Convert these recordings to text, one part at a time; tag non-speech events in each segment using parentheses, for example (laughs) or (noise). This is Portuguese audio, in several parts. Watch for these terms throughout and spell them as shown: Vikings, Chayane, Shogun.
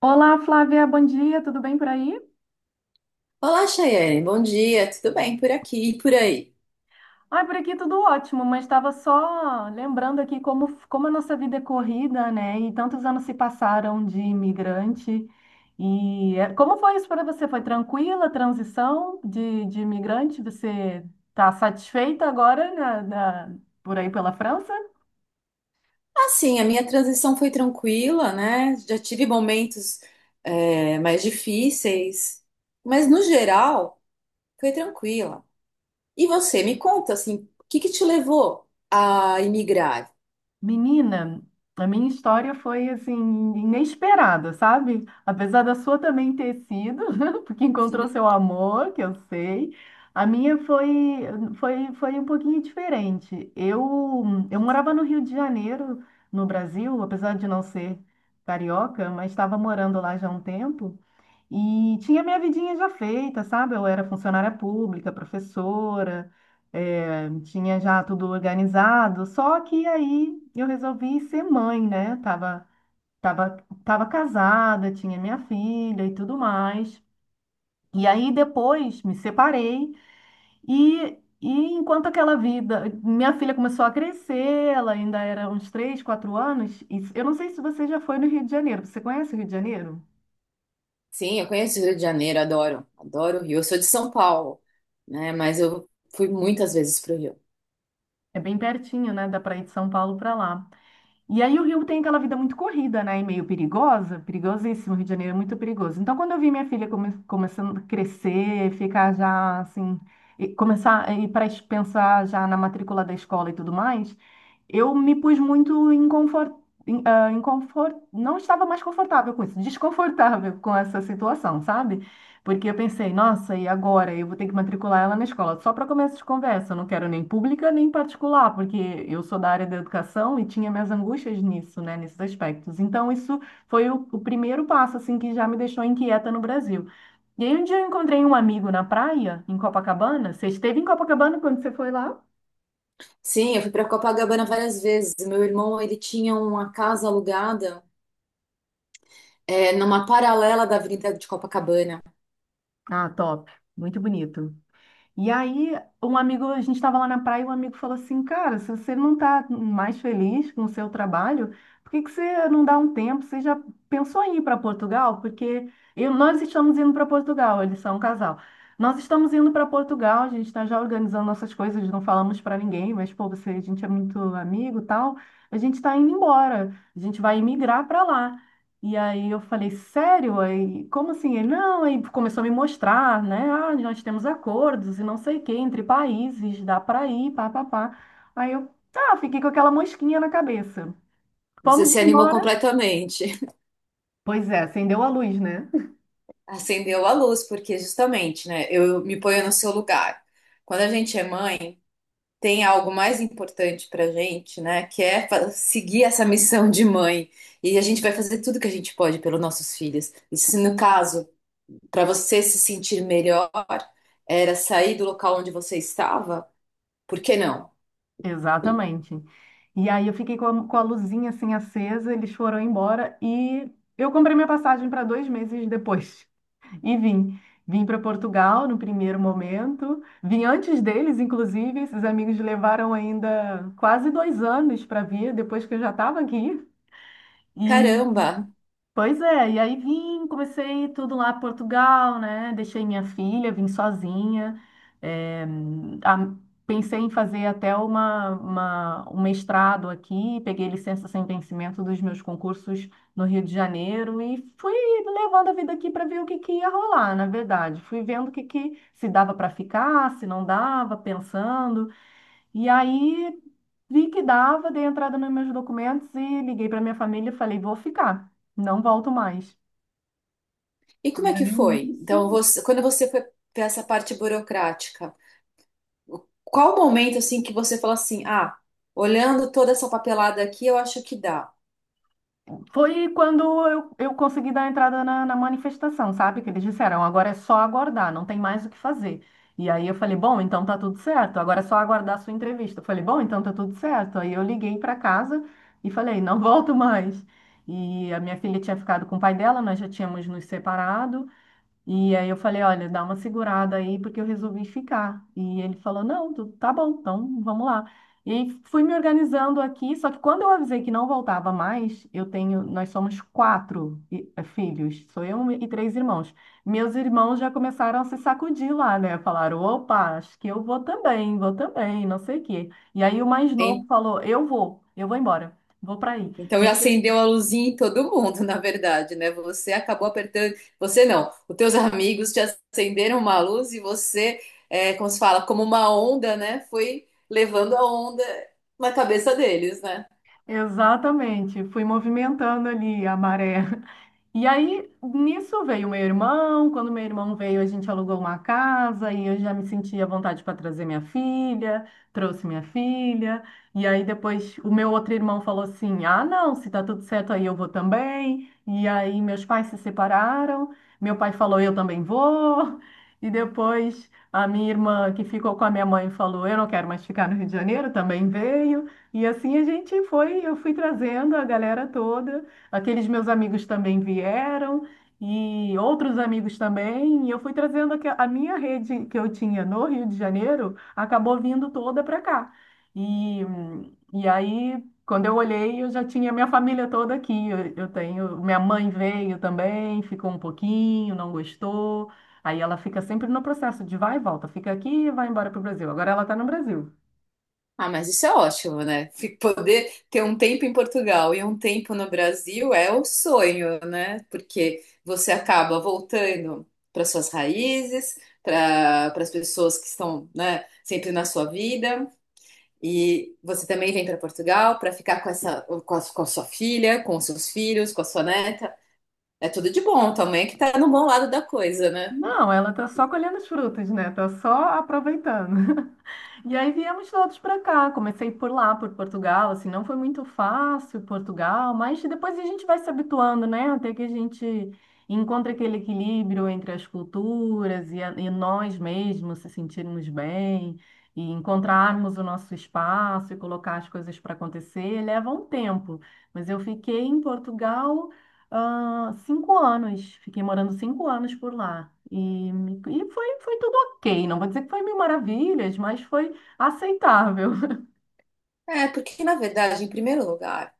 Olá, Flávia, bom dia, tudo bem por aí? Olá, Chayane. Bom dia. Tudo bem por aqui e por aí? Ai, por aqui tudo ótimo, mas estava só lembrando aqui como a nossa vida é corrida, né? E tantos anos se passaram de imigrante. E é, como foi isso para você? Foi tranquila a transição de imigrante? Você está satisfeita agora por aí pela França? Assim, a minha transição foi tranquila, né? Já tive momentos, é, mais difíceis, mas no geral foi tranquila. E você, me conta, assim, o que que te levou a imigrar? Menina, a minha história foi assim inesperada, sabe? Apesar da sua também ter sido, (laughs) porque encontrou seu amor, que eu sei. A minha foi um pouquinho diferente. Eu morava no Rio de Janeiro, no Brasil, apesar de não ser carioca, mas estava morando lá já há um tempo. E tinha minha vidinha já feita, sabe? Eu era funcionária pública, professora, tinha já tudo organizado. Só que aí eu resolvi ser mãe, né? Tava, tava casada, tinha minha filha e tudo mais. E aí depois me separei e enquanto aquela vida, minha filha começou a crescer, ela ainda era uns 3, 4 anos. E eu não sei se você já foi no Rio de Janeiro. Você conhece o Rio de Janeiro? Sim, eu conheço o Rio de Janeiro, adoro, adoro o Rio. Eu sou de São Paulo, né? Mas eu fui muitas vezes para o Rio. É bem pertinho, né? Dá para ir de São Paulo para lá. E aí o Rio tem aquela vida muito corrida, né? E meio perigosa, perigosíssimo. O Rio de Janeiro é muito perigoso. Então, quando eu vi minha filha começando a crescer, ficar já assim, e começar a ir para pensar já na matrícula da escola e tudo mais, eu me pus muito em confort, em não estava mais confortável com isso, desconfortável com essa situação, sabe? Porque eu pensei, nossa, e agora? Eu vou ter que matricular ela na escola. Só para começo de conversa, eu não quero nem pública nem particular, porque eu sou da área da educação e tinha minhas angústias nisso, né, nesses aspectos. Então, isso foi o primeiro passo, assim, que já me deixou inquieta no Brasil. E aí, um dia eu encontrei um amigo na praia, em Copacabana. Você esteve em Copacabana quando você foi lá? Sim, eu fui para Copacabana várias vezes. Meu irmão, ele tinha uma casa alugada. É, numa paralela da Avenida de Copacabana. Ah, top. Muito bonito. E aí, um amigo, a gente estava lá na praia e um amigo falou assim: Cara, se você não está mais feliz com o seu trabalho, por que que você não dá um tempo? Você já pensou em ir para Portugal? Porque nós estamos indo para Portugal, eles são um casal. Nós estamos indo para Portugal, a gente está já organizando nossas coisas, não falamos para ninguém, mas pô, você, a gente é muito amigo e tal. A gente está indo embora, a gente vai emigrar para lá. E aí eu falei, sério? Aí, como assim? Ele, não, aí começou a me mostrar, né? Ah, nós temos acordos e não sei o quê, entre países, dá para ir, pá, pá, pá. Aí eu, tá, fiquei com aquela mosquinha na cabeça. Você Vamos se animou embora. completamente. Pois é, acendeu a luz, né? (laughs) Acendeu a luz, porque justamente, né? Eu me ponho no seu lugar. Quando a gente é mãe, tem algo mais importante pra gente, né? Que é fa- seguir essa missão de mãe. E a gente vai fazer tudo que a gente pode pelos nossos filhos. E se no caso, para você se sentir melhor, era sair do local onde você estava, por que não? Exatamente. E aí eu fiquei com a luzinha assim acesa, eles foram embora e eu comprei minha passagem para 2 meses depois. E vim. Vim para Portugal no primeiro momento. Vim antes deles, inclusive. Esses amigos levaram ainda quase 2 anos para vir, depois que eu já estava aqui. Caramba. Pois é, e aí vim, comecei tudo lá em Portugal, né? Deixei minha filha, vim sozinha. eh, a- Pensei em fazer até uma, um mestrado aqui, peguei licença sem vencimento dos meus concursos no Rio de Janeiro e fui levando a vida aqui para ver o que ia rolar, na verdade. Fui vendo o que se dava para ficar, se não dava, pensando. E aí vi que dava, dei entrada nos meus documentos e liguei para minha família e falei, vou ficar, não volto mais. E como E é que aí foi? nisso Então, você- quando você foi para essa parte burocrática, qual o momento assim que você falou assim, ah, olhando toda essa papelada aqui, eu acho que dá, foi quando eu consegui dar entrada na manifestação, sabe? Que eles disseram, agora é só aguardar, não tem mais o que fazer. E aí eu falei, bom, então tá tudo certo, agora é só aguardar a sua entrevista. Eu falei, bom, então tá tudo certo. Aí eu liguei para casa e falei, não (laughs) volto mais. E a minha filha tinha ficado com o pai dela, nós já tínhamos nos separado. E aí eu falei, olha, dá uma segurada aí, porque eu resolvi ficar. E ele falou, não, tá bom, então vamos lá. E aí fui me organizando aqui, só que quando eu avisei que não voltava mais, eu tenho, nós somos quatro filhos, sou eu e três irmãos. Meus irmãos já começaram a se sacudir lá, né? Falaram, opa, acho que eu vou também, não sei o quê. E aí o mais novo hein? falou, eu vou embora, vou para aí. Então, E aí, acendeu a luzinha em todo mundo, (laughs) na verdade, né? Você acabou apertando, você não, os teus amigos te acenderam uma luz e você, é, como se fala, como uma onda, né? Foi levando a onda na cabeça deles, né? exatamente, fui movimentando ali a maré. E aí, nisso veio meu irmão. Quando meu irmão veio, a gente alugou uma casa e eu já me sentia à vontade para trazer minha filha, trouxe minha filha. E aí, depois, o meu outro irmão falou assim: Ah, não, se tá tudo certo aí, eu vou também. E aí, meus pais se separaram. Meu pai falou: Eu também vou. E depois, a minha irmã, que ficou com a minha mãe, falou: Eu não quero mais ficar no Rio de Janeiro, também veio. E assim a gente foi, eu fui trazendo a galera toda. Aqueles meus amigos também vieram e outros amigos também. E eu fui trazendo a minha rede que eu tinha no Rio de Janeiro, acabou vindo toda para cá. E, e aí, quando eu olhei, eu já tinha minha família toda aqui. Eu tenho, minha mãe veio também, ficou um pouquinho, não gostou. Aí ela fica sempre no processo de vai e volta, fica aqui e vai embora para o Brasil. Agora ela está no Brasil. Ah, mas isso é ótimo, né? Fi- Poder ter um tempo em Portugal e um tempo no Brasil é o sonho, né? Porque você acaba voltando para suas raízes, para para as pessoas que estão, né, sempre na sua vida. E você também vem para Portugal para ficar com essa, com a sua filha, com os seus filhos, com a sua neta. É tudo de bom, também que tá no bom lado da coisa, né? Não, ela está só colhendo os frutos, né? Está só aproveitando. (laughs) E aí viemos todos para cá. Comecei por lá, por Portugal, assim, não foi muito fácil Portugal, mas depois a gente vai se habituando, né? Até que a gente encontra aquele equilíbrio entre as culturas e nós mesmos se sentirmos bem e encontrarmos o nosso espaço e colocar as coisas para acontecer. Leva um tempo, mas eu fiquei em Portugal, 5 anos. Fiquei morando 5 anos por lá. E foi tudo ok. Não vou dizer que foi mil maravilhas, mas foi aceitável. (laughs) É, porque na verdade, em primeiro lugar,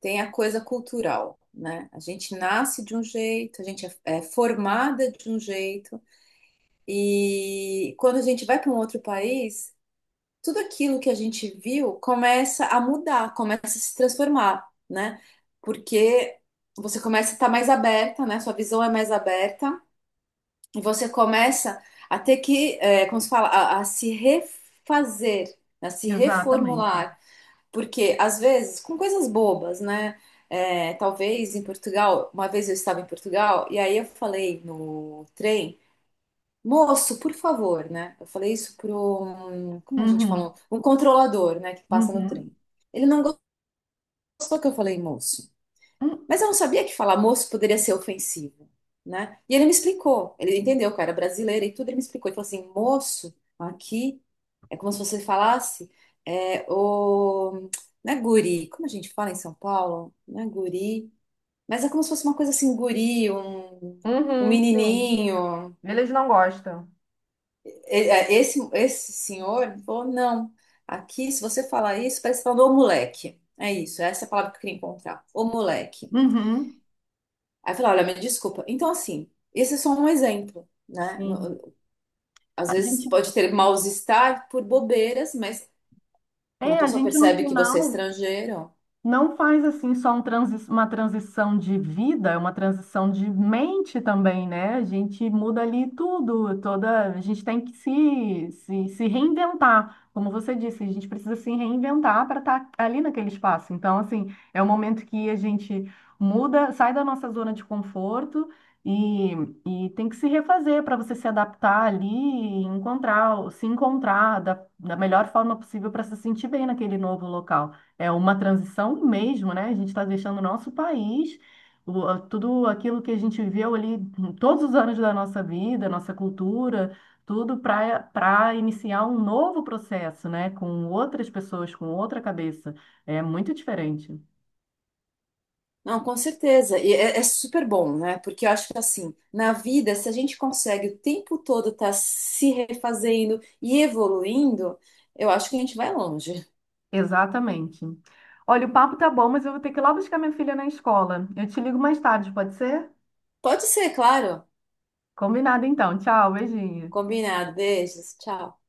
tem a coisa cultural, né? A gente nasce de um jeito, a gente é, é formada de um jeito, e quando a gente vai para um outro país, tudo aquilo que a gente viu começa a mudar, começa a se transformar, né? Porque você começa a estar mais aberta, né? Sua visão é mais aberta, e você começa a ter que, é, como se fala, a se refazer, a se Exatamente. reformular. Porque, às vezes, com coisas bobas, né? É, talvez em Portugal, uma vez eu estava em Portugal, e aí eu falei no trem, moço, por favor, né? Eu falei isso para um, como a gente Uhum. fala, um controlador, né, que passa no Uhum. trem. Ele não gostou que eu falei moço. Hum. Mas eu não sabia que falar moço poderia ser ofensivo, né? E ele me explicou, ele entendeu que eu era brasileira e tudo, ele me explicou. Ele falou assim, moço, aqui é como se você falasse, é, o, né, guri, como a gente fala em São Paulo, né, guri, mas é como se fosse uma coisa assim, um guri, um Uhum, sim. menininho. Eles não gostam. E- é, esse senhor falou, não, aqui se você falar isso, parece que você tá falando ô moleque. É isso, essa é a palavra que eu queria encontrar, ô moleque. Uhum. Aí eu falei, olha, me desculpa. Então, assim, esse é só um exemplo, né? Sim. No- Às A vezes gente, pode ter mal-estar por bobeiras, mas quando a é, a pessoa gente no percebe que você é final estrangeiro, não faz assim só um uma transição de vida, é uma transição de mente também, né? A gente muda ali tudo, toda, a gente tem que se reinventar. Como você disse, a gente precisa se reinventar para estar ali naquele espaço. Então, assim, é o momento que a gente muda, sai da nossa zona de conforto e, e tem que se refazer para você se adaptar ali e encontrar, se encontrar da melhor forma possível para se sentir bem naquele novo local. É uma transição mesmo, né? A gente está deixando o nosso país, tudo aquilo que a gente viveu ali todos os anos da nossa vida, nossa cultura, tudo para iniciar um novo processo, né? Com outras pessoas, com outra cabeça. É muito diferente. não, com certeza. E é, é super bom, né? Porque eu acho que, assim, na vida, se a gente consegue o tempo todo estar se refazendo e evoluindo, eu acho que a gente vai longe. Exatamente. Olha, o papo tá bom, mas eu vou ter que ir lá buscar minha filha na escola. Eu te ligo mais tarde, pode ser? Pode ser, claro. Combinado então. Tchau, beijinho. Combinado. Beijos. Tchau.